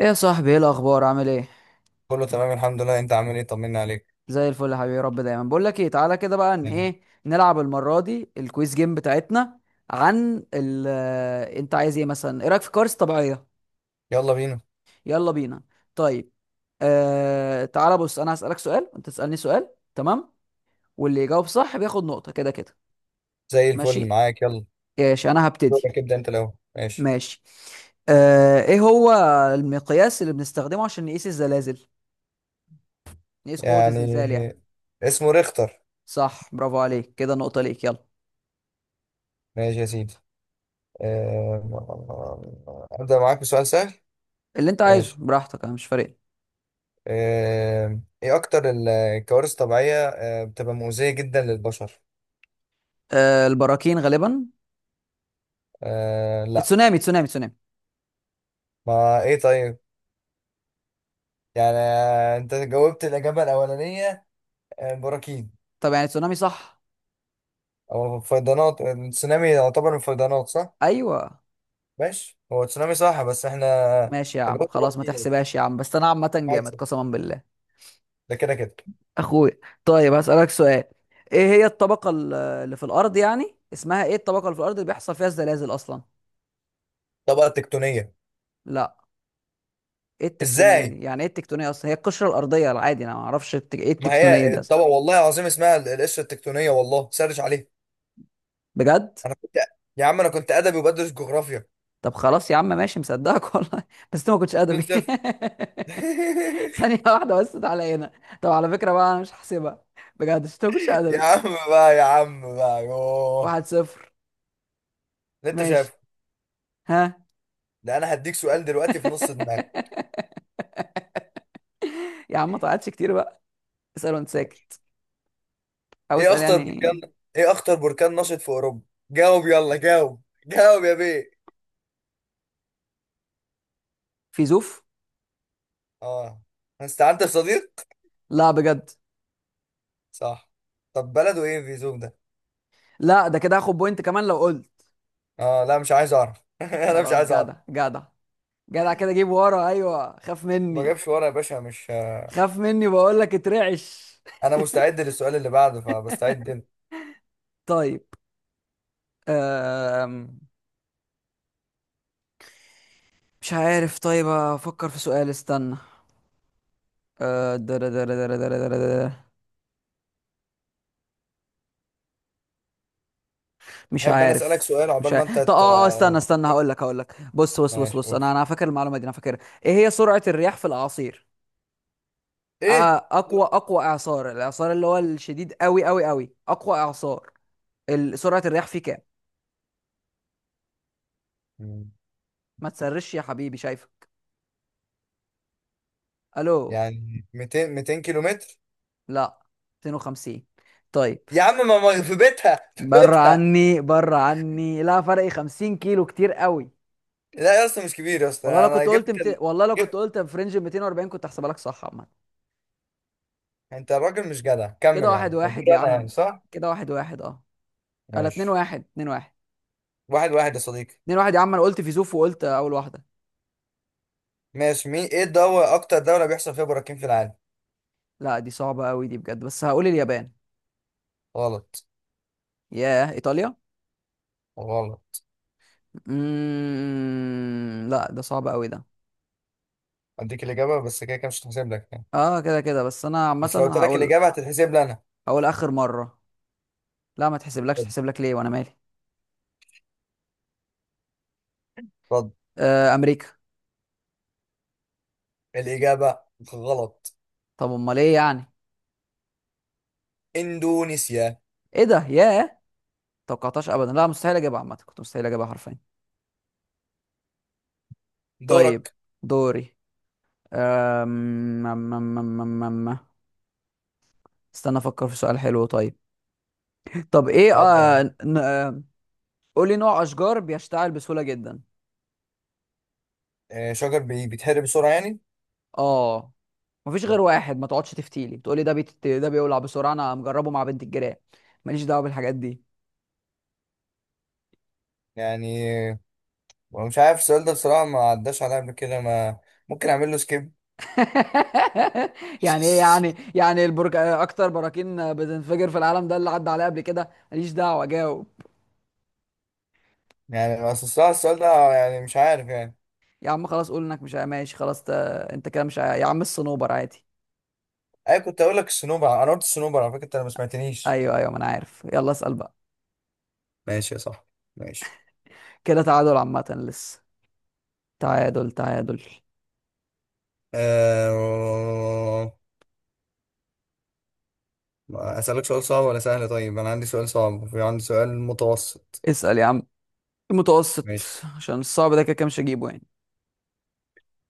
ايه يا صاحبي، ايه الاخبار؟ عامل ايه؟ كله تمام الحمد لله، انت عامل ايه؟ طمنا عليك. زي الفل يا حبيبي، يا رب دايما. بقول لك ايه، تعالى كده بقى، ان يعني، ايه نلعب المره دي الكويز جيم بتاعتنا. عن ال آه، انت عايز ايه مثلا؟ ايه رايك في كوارث طبيعيه؟ يلا بينا. يلا بينا. طيب. تعالى بص، انا هسالك سؤال وانت تسالني سؤال. تمام. واللي يجاوب صح بياخد نقطه. كده كده زي الفل، ماشي. معاك يلا. ماشي انا هبتدي. دورك، ابدا انت الاول. ماشي، ماشي. ايه هو المقياس اللي بنستخدمه عشان نقيس الزلازل، نقيس قوه يعني الزلزال يعني؟ اسمه ريختر. صح، برافو عليك، كده نقطه ليك. يلا. ماشي يا سيدي. ابدا معاك بسؤال سهل. اللي انت عايزه ماشي. براحتك، انا مش فارق لي. ايه اكتر الكوارث الطبيعيه بتبقى مؤذيه جدا للبشر؟ البراكين غالبا. لا. تسونامي، تسونامي، تسونامي! ما ايه طيب. يعني انت جاوبت الاجابه الاولانيه. براكين طب يعني تسونامي صح؟ او فيضانات. التسونامي يعتبر من الفيضانات صح. ايوه. ماشي، هو تسونامي صح بس احنا ماشي يا عم، تجاوزت خلاص ما بركين. تحسبهاش يا عم، بس انا عامه جامد عادي. قسما بالله. ده كده كده اخويا. طيب هسألك سؤال. ايه هي الطبقه اللي في الارض، يعني اسمها ايه الطبقه اللي في الارض اللي بيحصل فيها الزلازل اصلا؟ الطبقه التكتونيه. لا. ايه التكتونيه ازاي؟ دي يعني؟ ايه التكتونيه اصلا؟ هي القشره الارضيه العادي، انا ما اعرفش ايه ما التكتونيه هي دي اصلا؟ الطبقه والله العظيم اسمها القشره التكتونيه، والله سرش عليها. بجد؟ انا كنت. يا عم انا كنت ادبي وبدرس جغرافيا. طب خلاص يا عم ماشي، مصدقك والله. بس انت ما كنتش 2 ادبي. 0 ثانية واحدة بس، تعالى هنا. طب على فكرة بقى أنا مش هحسبها. بجد، عشان أنت ما كنتش يا أدبي. عم بقى يا عم بقى يوه. 1-0. اللي انت ماشي. شايفه. ها. ده انا هديك سؤال دلوقتي في نص دماغك. يا عم ما طلعتش كتير بقى. اسأل وأنت ساكت. ماشي. أو ايه اسأل اخطر يعني. بركان، ايه اخطر بركان نشط في اوروبا؟ جاوب، يلا جاوب جاوب يا بيه. فيزوف. اه، استعنت بصديق. لا بجد؟ صح. طب بلده ايه في زوم ده؟ لا، ده كده هاخد بوينت كمان لو قلت. اه لا، مش عايز اعرف. انا مش خلاص، عايز اعرف. جدع جدع. جدع كده، جيب ورا، أيوه خاف ما مني. جابش ورا يا باشا، مش خاف مني بقول لك، اترعش. انا مستعد للسؤال اللي بعده، فبستعد انت. طيب. أم... مش عارف. طيب أفكر في سؤال. استنى. أه... درا درا درا درا درا درا. مش تحب انا اسالك عارف. سؤال مش عقبال ما عارف. انت طب استنى استنى، هقول لك بص بص بص ماشي. بص، انا اوبس. انا فاكر المعلومه دي، انا فاكرها. ايه هي سرعه الرياح في الاعاصير؟ ايه؟ اقوى اعصار، الاعصار اللي هو الشديد قوي قوي قوي، اقوى اعصار، سرعه الرياح فيه كام؟ مم. ما تسرش يا حبيبي، شايفه. الو. يعني 200 200 كيلو متر. لا. 250. طيب. يا عم في بيتها، في بره بيتها. عني، بره عني، لا فرق 50 كيلو كتير قوي. لا يا اسطى، مش كبير يا اسطى، انا جبت والله لو كنت جبت. قلت في رينج 240 كنت هحسبها لك صح عامه. انت الراجل مش جدع، كده كمل يا واحد عم قلت. واحد يا انا عم. يعني صح. كده 1-1 اه. لا، 2 ماشي. 1 2 1 واحد واحد يا صديقي. 2 1، يا عم انا قلت فيزوف وقلت اول واحده. ماشي. مين، ايه الدولة اكتر دولة بيحصل فيها براكين في العالم؟ لا دي صعبه قوي دي بجد، بس هقول اليابان. غلط. ياه، ايطاليا. غلط. لا، ده صعب قوي ده. اديك الاجابه بس كده كده مش هتحسب لك يعني. اه كده كده بس انا بس لو عامه قلت لك هقول. الاجابه هتتحسب لي انا. هقول اخر مره. لا ما تحسبلكش، اتفضل. تحسب لك ليه وانا مالي؟ اتفضل. امريكا. الاجابه. غلط. طب امال ايه يعني؟ اندونيسيا. ايه ده؟ ياه. توقعتهاش ابدا، لا مستحيل اجيبها عامه، كنت مستحيل اجيبها حرفيا. طيب. دورك. دوري. أم... أم... أم... أم... أم... أم- استنى افكر في سؤال حلو. طيب. طب ايه اتفضل. قولي نوع اشجار بيشتعل بسهوله جدا. شجر بيتحرق بسرعه يعني. اه. مفيش غير واحد، ما تقعدش تفتيلي بتقولي ده ده بيولع بسرعه، انا مجربه مع بنت الجيران. ماليش دعوه بالحاجات دي. يعني مش عارف السؤال ده بصراحه، ما عداش عليا قبل كده. ما ممكن اعمل له سكيب. يعني ايه يعني يعني البرج اكتر براكين بتنفجر في العالم ده اللي عدى عليه قبل كده، ماليش دعوه جاوب. يعني بس الصراحه السؤال ده يعني مش عارف يعني. يا عم خلاص قول انك مش ماشي خلاص انت كده مش يا عم الصنوبر عادي. اي كنت اقول لك الصنوبر، انا قلت الصنوبر على فكره انت ما سمعتنيش. ايوه ايوه، ما انا عارف، يلا اسال بقى. ماشي يا صاحبي. ماشي. كده تعادل عامه لسه. تعادل تعادل. آه... أسألك سؤال، صعب ولا سهل؟ طيب، أنا عندي سؤال صعب وفي عندي سؤال متوسط. اسال يا عم. المتوسط. ماشي. عشان الصعب ده كده كده مش هجيبه يعني.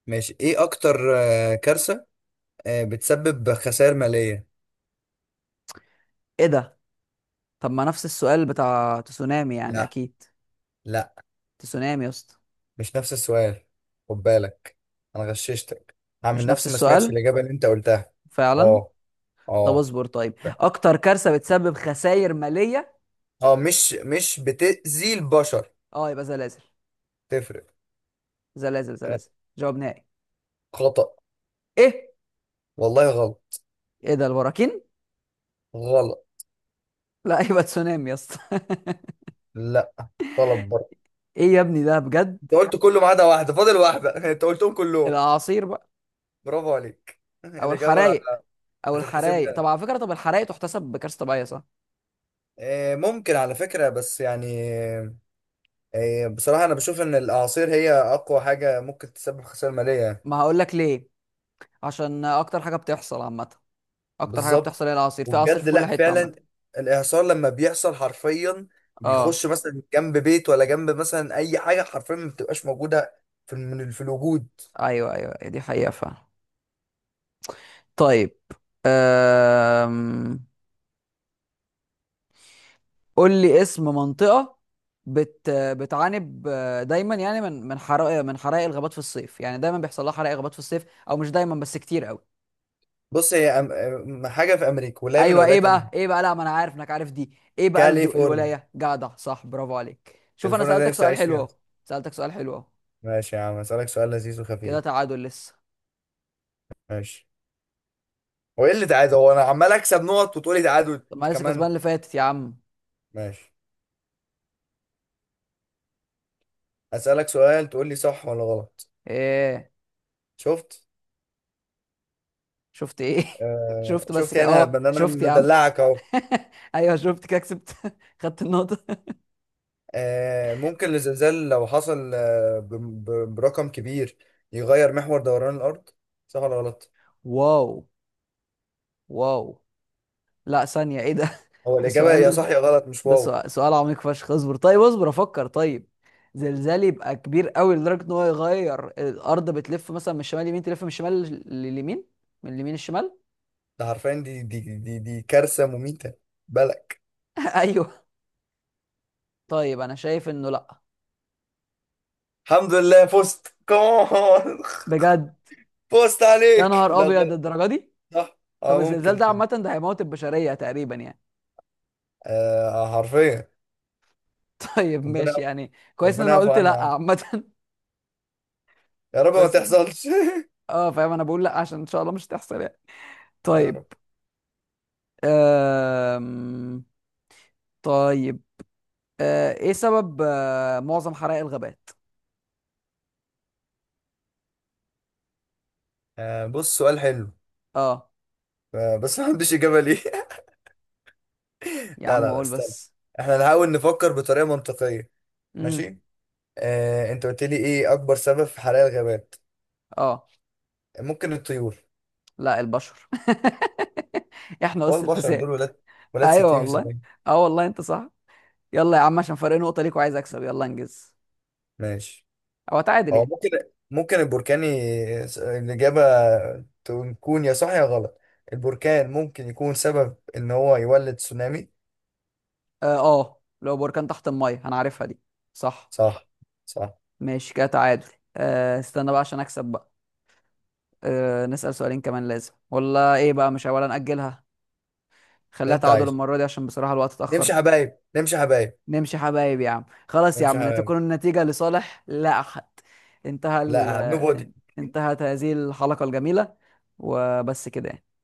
ماشي، إيه أكتر كارثة بتسبب خسائر مالية؟ ايه ده؟ طب ما نفس السؤال بتاع تسونامي يعني لا. اكيد. لا، تسونامي يا اسطى. مش نفس السؤال. خد بالك، أنا غششتك. هعمل مش نفس نفسي ما سمعتش السؤال الإجابة اللي أنت قلتها. فعلا. أه. طب أه. اصبر طيب. اكتر كارثه بتسبب خسائر ماليه. أه مش بتأذي البشر. اه يبقى زلازل. تفرق. زلازل، آه، زلازل. جواب نهائي. خطأ. ايه؟ والله غلط. ايه ده؟ البراكين. غلط. لا يبقى تسونامي يا اسطى. لا، غلط برضه. ايه يا ابني ده بجد؟ أنت قلت كله ما عدا واحدة، فاضل واحدة. أنت قلتهم كلهم. الاعاصير بقى. برافو عليك. او الإجابة. الحرايق. او هتتحسب الحرايق. طب لها على فكره، طب الحرايق تحتسب بكارثه طبيعيه صح؟ ممكن على فكرة بس يعني. بصراحة أنا بشوف إن الأعاصير هي أقوى حاجة ممكن تسبب خسائر مالية. ما هقول لك ليه. عشان اكتر حاجه بتحصل عامه. اكتر حاجه بالظبط. بتحصل هي الاعاصير، في اعاصير وبجد في كل لأ حته عامه. فعلا. الإعصار لما بيحصل حرفيا اه. بيخش مثلا جنب بيت ولا جنب مثلا أي حاجة حرفيا ما بتبقاش موجودة في الوجود. ايوه ايوه، دي حقيقه فعلا. طيب. أم... قول لي اسم منطقة بتعاني دايما يعني من حرائق الغابات في الصيف، يعني دايما بيحصل لها حرائق غابات في الصيف. او مش دايما بس كتير قوي. بص هي حاجة في أمريكا، ولاية من ايوه. ايه ولايات أمريكا. بقى؟ ايه بقى؟ لا ما انا عارف انك عارف دي. ايه بقى كاليفورنيا. الولاية؟ جدع صح، برافو عليك، شوف انا كاليفورنيا ده سألتك نفسي سؤال أعيش حلو فيها. اهو. سألتك سؤال حلو اهو. ماشي يا عم، أسألك سؤال لذيذ كده وخفيف. تعادل لسه. ماشي. هو ايه اللي تعادل؟ هو انا عمال اكسب نقط وتقولي تعادل طب ما انت أنا لسه كسبان كمان. اللي فاتت يا عم. ماشي. هسألك سؤال تقول لي صح ولا غلط. ايه؟ شفت. شفت ايه؟ آه شفت بس شفت، كده يعني انا اه، إن انا شفت يا عم. مدلعك اهو. ايوه شفت كده كسبت. خدت النقطة. آه ممكن الزلزال لو حصل آه برقم كبير يغير محور دوران الارض، صح ولا غلط؟ واو. واو. لا، ثانية ايه ده؟ هو ده الاجابه يا سؤال. صح يا غلط، مش ده واو. سؤال، سؤال عميق فشخ. اصبر طيب، اصبر افكر طيب. زلزال يبقى كبير قوي لدرجة ان هو يغير الارض، بتلف مثلا من الشمال اليمين، تلف من الشمال لليمين، من اليمين الشمال. ده عارفين دي كارثه مميته، بالك. ايوه. طيب انا شايف انه لا. الحمد لله فزت كمان. بجد؟ فزت يا عليك، نهار لا ابيض غلط. الدرجة دي! صح. اه طب الزلزال ممكن. ده عامة، ده هيموت البشرية تقريبا يعني. آه حرفيا. طيب ربنا. ماشي يعني، كويس ان ربنا انا يعفو قلت عنا يا لا عم. عامة. يا رب ما كويس إن- تحصلش. اه فاهم، انا بقول لا عشان ان شاء الله مش هتحصل يعني. يا طيب. رب. أم... طيب. ايه سبب معظم حرائق الغابات؟ آه بص سؤال حلو. اه. آه بس ما عنديش إجابة ليه. يا لا، عم لا، لا، اقول استنى. بس. احنا نحاول نفكر بطريقة منطقية. امم. ماشي. آه، انت قلت لي ايه اكبر سبب في حرائق الغابات؟ اه، ممكن الطيور. لا، البشر. احنا هو قص البشر الفساد. دول ولاد. ولاد ايوه 60 في والله. 70. اه والله انت صح. يلا يا عم، عشان فرق نقطة ليك، وعايز اكسب، يلا انجز. ماشي. او اتعادل هو يعني. ممكن، ممكن البركان الإجابة تكون يا صح يا غلط. البركان ممكن يكون سبب ان هو يولد تسونامي. اه، لو بركان تحت المية انا عارفها دي. صح. صح. صح. ماشي كده تعادل. استنى بقى عشان اكسب بقى. نسأل سؤالين كمان لازم ولا ايه بقى، مش ولا نأجلها؟ ده خليها انت تعادل عايزه. المرة دي، عشان بصراحة الوقت نمشي اتأخر. حبايب. نمشي حبايب. نمشي حبايب يا عم خلاص يا نمشي عم، لا حبايب. تكون النتيجة لصالح لا أحد. انتهى لا نو. انتهت هذه الحلقة الجميلة. وبس كده يعني.